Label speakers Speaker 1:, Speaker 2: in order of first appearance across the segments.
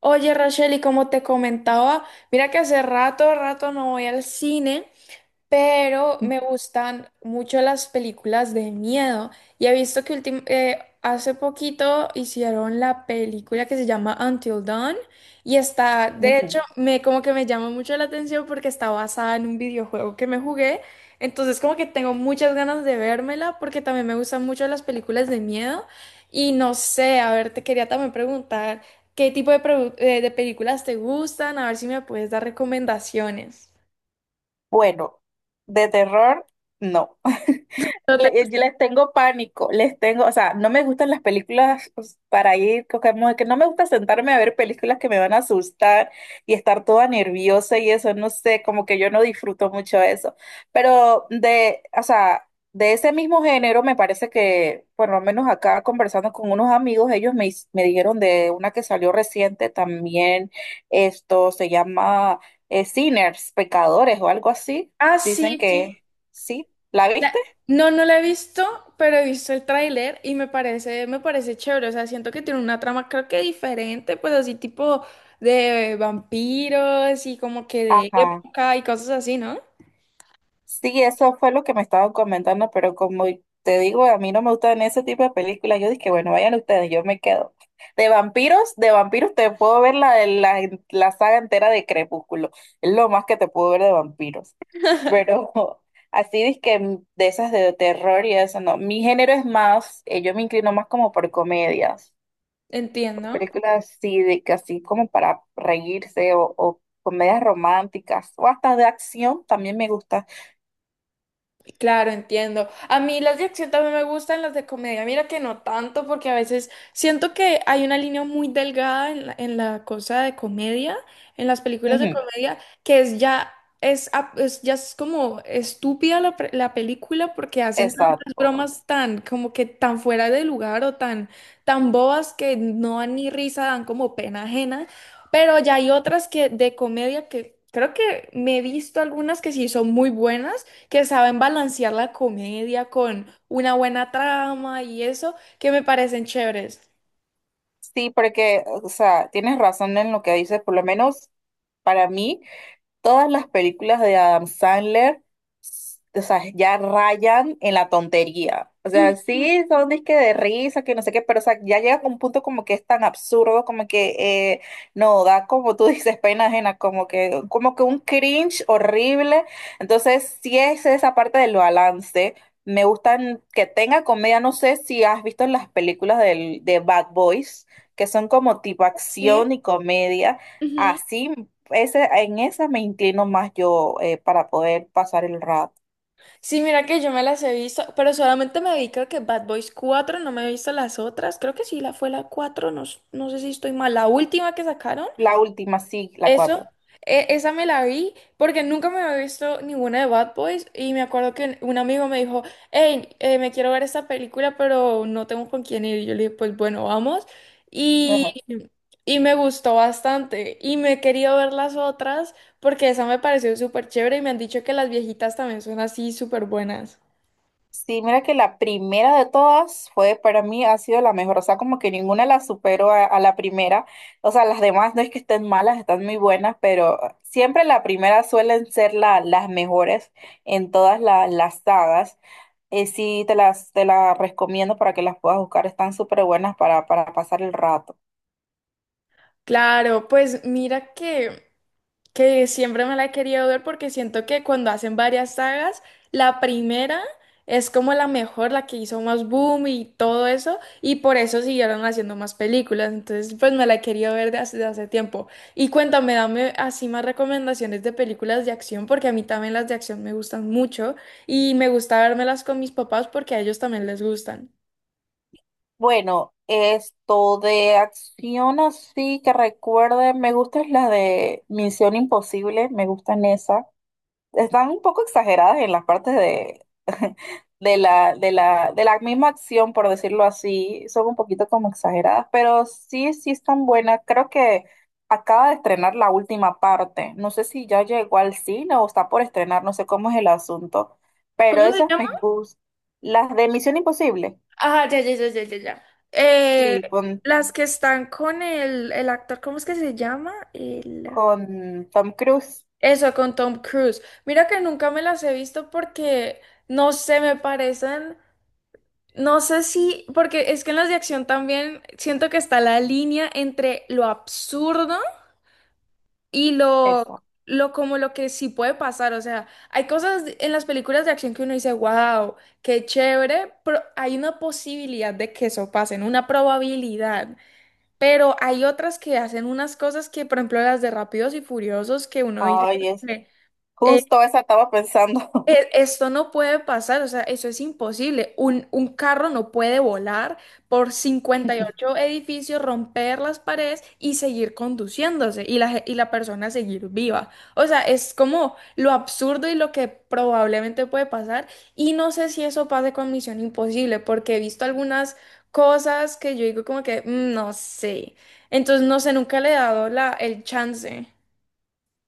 Speaker 1: Oye, Rachel, y como te comentaba, mira que hace rato no voy al cine, pero me gustan mucho las películas de miedo. Y he visto que hace poquito hicieron la película que se llama Until Dawn, y está, de hecho,
Speaker 2: Ujú.
Speaker 1: me como que me llama mucho la atención porque está basada en un videojuego que me jugué. Entonces, como que tengo muchas ganas de vérmela porque también me gustan mucho las películas de miedo. Y no sé, a ver, te quería también preguntar qué tipo de, de películas te gustan, a ver si me puedes dar recomendaciones.
Speaker 2: Bueno, de terror, no.
Speaker 1: No te-.
Speaker 2: Yo les tengo pánico, les tengo, o sea, no me gustan las películas pues, para ir, como que no me gusta sentarme a ver películas que me van a asustar y estar toda nerviosa y eso, no sé, como que yo no disfruto mucho eso. Pero o sea, de ese mismo género me parece que, por lo menos acá conversando con unos amigos, me dijeron de una que salió reciente también, esto se llama... sinners, pecadores o algo así.
Speaker 1: Ah,
Speaker 2: Dicen
Speaker 1: sí, sí.
Speaker 2: que sí. ¿La
Speaker 1: La-.
Speaker 2: viste?
Speaker 1: No, no la he visto, pero he visto el tráiler y me parece chévere. O sea, siento que tiene una trama, creo que diferente, pues así tipo de vampiros y como que de
Speaker 2: Ajá.
Speaker 1: época y cosas así, ¿no?
Speaker 2: Sí, eso fue lo que me estaban comentando, pero como te digo, a mí no me gustan ese tipo de películas. Yo dije, bueno, vayan ustedes, yo me quedo. De vampiros te puedo ver la saga entera de Crepúsculo. Es lo más que te puedo ver de vampiros. Pero así dizque de esas de terror y eso, no. Mi género es más, yo me inclino más como por comedias.
Speaker 1: Entiendo.
Speaker 2: Películas así, de que así como para reírse o comedias románticas o hasta de acción también me gusta.
Speaker 1: Claro, entiendo. A mí las de acción también me gustan, las de comedia. Mira que no tanto, porque a veces siento que hay una línea muy delgada en la cosa de comedia, en las películas de
Speaker 2: Ujú,
Speaker 1: comedia, que es ya es, ap- es ya es como estúpida la, la película, porque hacen tantas
Speaker 2: exacto.
Speaker 1: bromas tan como que tan fuera de lugar o tan bobas que no dan ni risa, dan como pena ajena. Pero ya hay otras, que de comedia, que creo que me he visto algunas que sí son muy buenas, que saben balancear la comedia con una buena trama y eso, que me parecen chéveres.
Speaker 2: Sí, porque, o sea, tienes razón en lo que dices, por lo menos para mí. Todas las películas de Adam Sandler, o sea, ya rayan en la tontería. O
Speaker 1: Ujú.
Speaker 2: sea, sí, son disque de risa, que no sé qué, pero o sea, ya llega a un punto como que es tan absurdo, como que no, da como tú dices, pena ajena, como como que un cringe horrible. Entonces, sí es esa parte del balance. Me gustan que tenga comedia, no sé si has visto las películas de Bad Boys, que son como tipo
Speaker 1: Sí.
Speaker 2: acción y comedia.
Speaker 1: Ujú.
Speaker 2: Así ese, en esa me inclino más yo para poder pasar el rato.
Speaker 1: Sí, mira que yo me las he visto, pero solamente me vi, creo que, Bad Boys cuatro. No me he visto las otras, creo que sí, la fue la cuatro, no, s-, no sé si estoy mal, la última que sacaron.
Speaker 2: La última, sí, la
Speaker 1: Eso,
Speaker 2: cuatro.
Speaker 1: esa me la vi porque nunca me había visto ninguna de Bad Boys, y me acuerdo que un amigo me dijo, hey, me quiero ver esta película pero no tengo con quién ir. Y yo le dije, pues bueno, vamos. Y,
Speaker 2: Ajá.
Speaker 1: y me gustó bastante y me he querido ver las otras, porque esa me pareció súper chévere y me han dicho que las viejitas también son así súper buenas.
Speaker 2: Sí, mira que la primera de todas fue para mí ha sido la mejor. O sea, como que ninguna la superó a la primera. O sea, las demás no es que estén malas, están muy buenas, pero siempre la primera suelen ser las mejores en todas las sagas. Sí, te las recomiendo para que las puedas buscar. Están súper buenas para pasar el rato.
Speaker 1: Claro, pues mira que… que siempre me la he querido ver porque siento que cuando hacen varias sagas, la primera es como la mejor, la que hizo más boom y todo eso, y por eso siguieron haciendo más películas. Entonces, pues me la he querido ver de hace tiempo. Y cuéntame, dame así más recomendaciones de películas de acción, porque a mí también las de acción me gustan mucho y me gusta vérmelas con mis papás porque a ellos también les gustan.
Speaker 2: Bueno, esto de acción así que recuerde, me gustan las de Misión Imposible, me gustan esas. Están un poco exageradas en las partes de la misma acción, por decirlo así. Son un poquito como exageradas, pero sí, sí están buenas. Creo que acaba de estrenar la última parte. No sé si ya llegó al cine o está por estrenar, no sé cómo es el asunto, pero
Speaker 1: ¿Cómo se
Speaker 2: esas
Speaker 1: llama?
Speaker 2: me gustan. Las de Misión Imposible,
Speaker 1: Ah, ya, ya, ya, ya, ya, ya. Eh,
Speaker 2: sí,
Speaker 1: las que están con el actor, ¿cómo es que se llama? El…
Speaker 2: con Tom Cruise.
Speaker 1: Eso, con Tom Cruise. Mira que nunca me las he visto porque, no sé, me parecen, no sé si, porque es que en las de acción también siento que está la línea entre lo absurdo y
Speaker 2: Eso.
Speaker 1: lo como lo que sí puede pasar. O sea, hay cosas en las películas de acción que uno dice, wow, qué chévere, pero hay una posibilidad de que eso pase, ¿no? Una probabilidad. Pero hay otras que hacen unas cosas que, por ejemplo, las de Rápidos y Furiosos, que uno dice
Speaker 2: Ay,
Speaker 1: como
Speaker 2: es
Speaker 1: que, eh,
Speaker 2: justo esa estaba pensando.
Speaker 1: esto no puede pasar, o sea, eso es imposible. Un carro no puede volar por 58 edificios, romper las paredes y seguir conduciéndose y la, y la persona seguir viva. O sea, es como lo absurdo y lo que probablemente puede pasar. Y no sé si eso pase con Misión Imposible, porque he visto algunas cosas que yo digo como que, "Mm, no sé". Entonces, no sé, nunca le he dado la, el chance.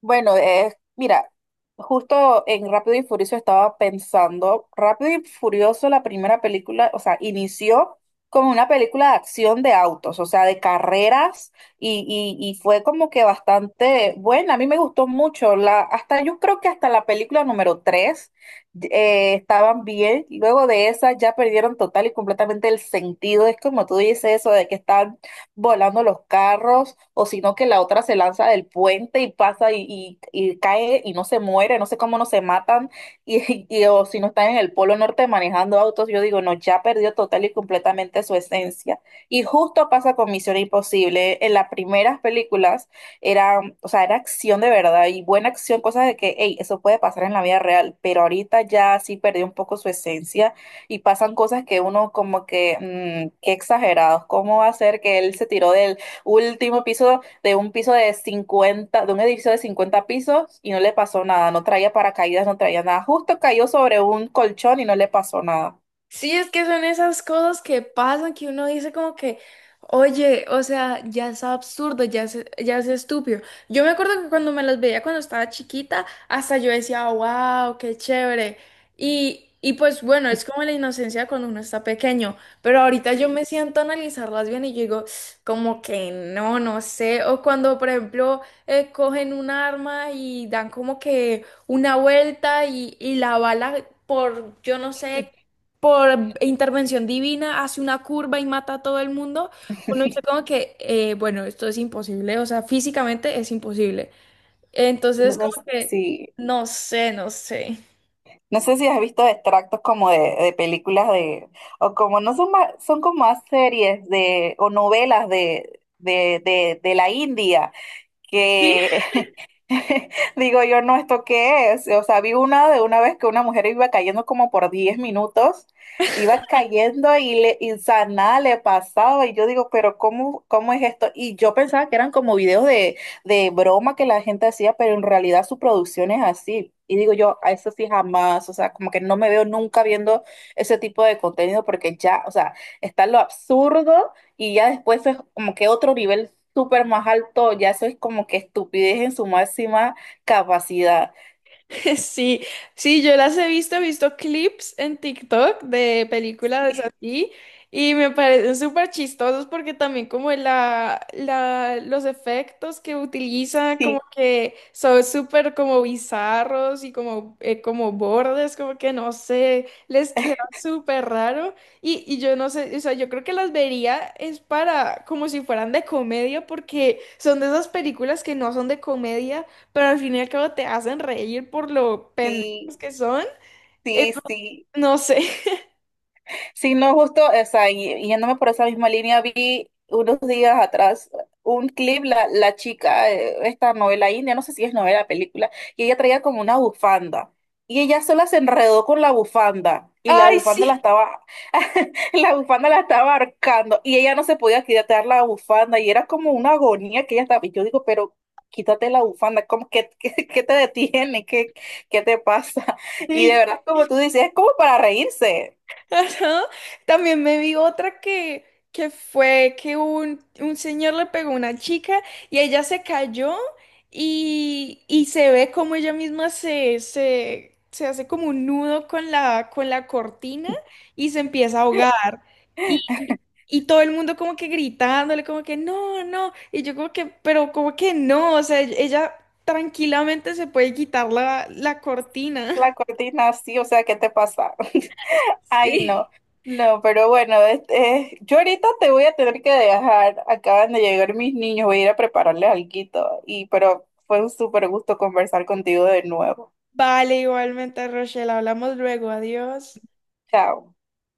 Speaker 2: Bueno, es, mira, justo en Rápido y Furioso estaba pensando, Rápido y Furioso, la primera película, o sea, inició como una película de acción de autos, o sea, de carreras, y, y fue como que bastante buena, a mí me gustó mucho, la, hasta yo creo que hasta la película número 3 estaban bien, luego de esa ya perdieron total y completamente el sentido, es como tú dices eso de que están volando los carros, o sino que la otra se lanza del puente y pasa y cae y no se muere, no sé cómo no se matan, o si no están en el Polo Norte manejando autos, yo digo, no, ya perdió total y completamente su esencia. Y justo pasa con Misión Imposible, en las primeras películas era, o sea, era acción de verdad y buena acción, cosas de que, hey, eso puede pasar en la vida real, pero ahorita ya sí perdió un poco su esencia y pasan cosas que uno como que, mm, qué exagerados, ¿cómo va a ser que él se tiró del último piso de un piso de 50 de un edificio de 50 pisos y no le pasó nada? No traía paracaídas, no traía nada. Justo cayó sobre un colchón y no le pasó nada.
Speaker 1: Sí, es que son esas cosas que pasan que uno dice como que, oye, o sea, ya es absurdo, ya es estúpido. Yo me acuerdo que cuando me las veía cuando estaba chiquita, hasta yo decía, wow, qué chévere. Y pues bueno, es como la inocencia cuando uno está pequeño, pero ahorita yo me siento a analizarlas bien y yo digo, como que no, no sé. O cuando, por ejemplo, cogen un arma y dan como que una vuelta y la bala, por yo no sé, por intervención divina hace una curva y mata a todo el mundo, uno dice como que, bueno, esto es imposible, o sea, físicamente es imposible. Entonces, como que,
Speaker 2: Sí.
Speaker 1: no sé,
Speaker 2: No sé si has visto extractos como de películas de, o como no son más, son como más series de, o novelas de la India
Speaker 1: Sí,
Speaker 2: que digo yo, no, ¿esto qué es? O sea, vi una de una vez que una mujer iba cayendo como por 10 minutos, iba cayendo y o sea, nada le pasaba. Y yo digo, pero ¿cómo, cómo es esto? Y yo pensaba que eran como videos de broma que la gente hacía, pero en realidad su producción es así. Y digo yo, a eso sí jamás, o sea, como que no me veo nunca viendo ese tipo de contenido porque ya, o sea, está lo absurdo y ya después es como que otro nivel súper más alto, ya eso es como que estupidez en su máxima capacidad.
Speaker 1: sí, sí, yo las he visto clips en TikTok de películas así, y me parecen súper chistosos, porque también como los efectos que utiliza como
Speaker 2: Sí,
Speaker 1: que son súper como bizarros y como, como bordes, como que no sé, les queda súper raro. Y, y yo no sé, o sea, yo creo que las vería es para como si fueran de comedia, porque son de esas películas que no son de comedia, pero al fin y al cabo te hacen reír por lo pendejos
Speaker 2: sí,
Speaker 1: que son.
Speaker 2: sí,
Speaker 1: Eh,
Speaker 2: sí, sí.
Speaker 1: no sé.
Speaker 2: Sí, no, justo, o sea, yéndome por esa misma línea, vi unos días atrás un clip, la chica, esta novela india, no sé si es novela, película, y ella traía como una bufanda. Y ella sola se enredó con la bufanda. Y la
Speaker 1: Ay,
Speaker 2: bufanda la
Speaker 1: sí,
Speaker 2: estaba, la bufanda la estaba ahorcando. Y ella no se podía quitar la bufanda. Y era como una agonía que ella estaba. Y yo digo, pero quítate la bufanda, ¿cómo que, qué, qué te detiene? ¿Qué, qué te pasa? Y de
Speaker 1: sí,
Speaker 2: verdad, como tú dices, es como para reírse.
Speaker 1: ajá. También me vi otra que fue que un señor le pegó a una chica y ella se cayó, y se ve como ella misma se hace como un nudo con la cortina, y se empieza a ahogar. Y, y y todo el mundo como que gritándole, como que no, no. Y yo como que, pero como que no, o sea, ella tranquilamente se puede quitar la, la cortina.
Speaker 2: La cortina, sí, o sea, ¿qué te pasa? Ay,
Speaker 1: Sí,
Speaker 2: no, no, pero bueno, este, yo ahorita te voy a tener que dejar, acaban de llegar mis niños, voy a ir a prepararles alguito, y pero fue un súper gusto conversar contigo de nuevo.
Speaker 1: vale, igualmente, Rochelle. Hablamos luego. Adiós.
Speaker 2: Chao.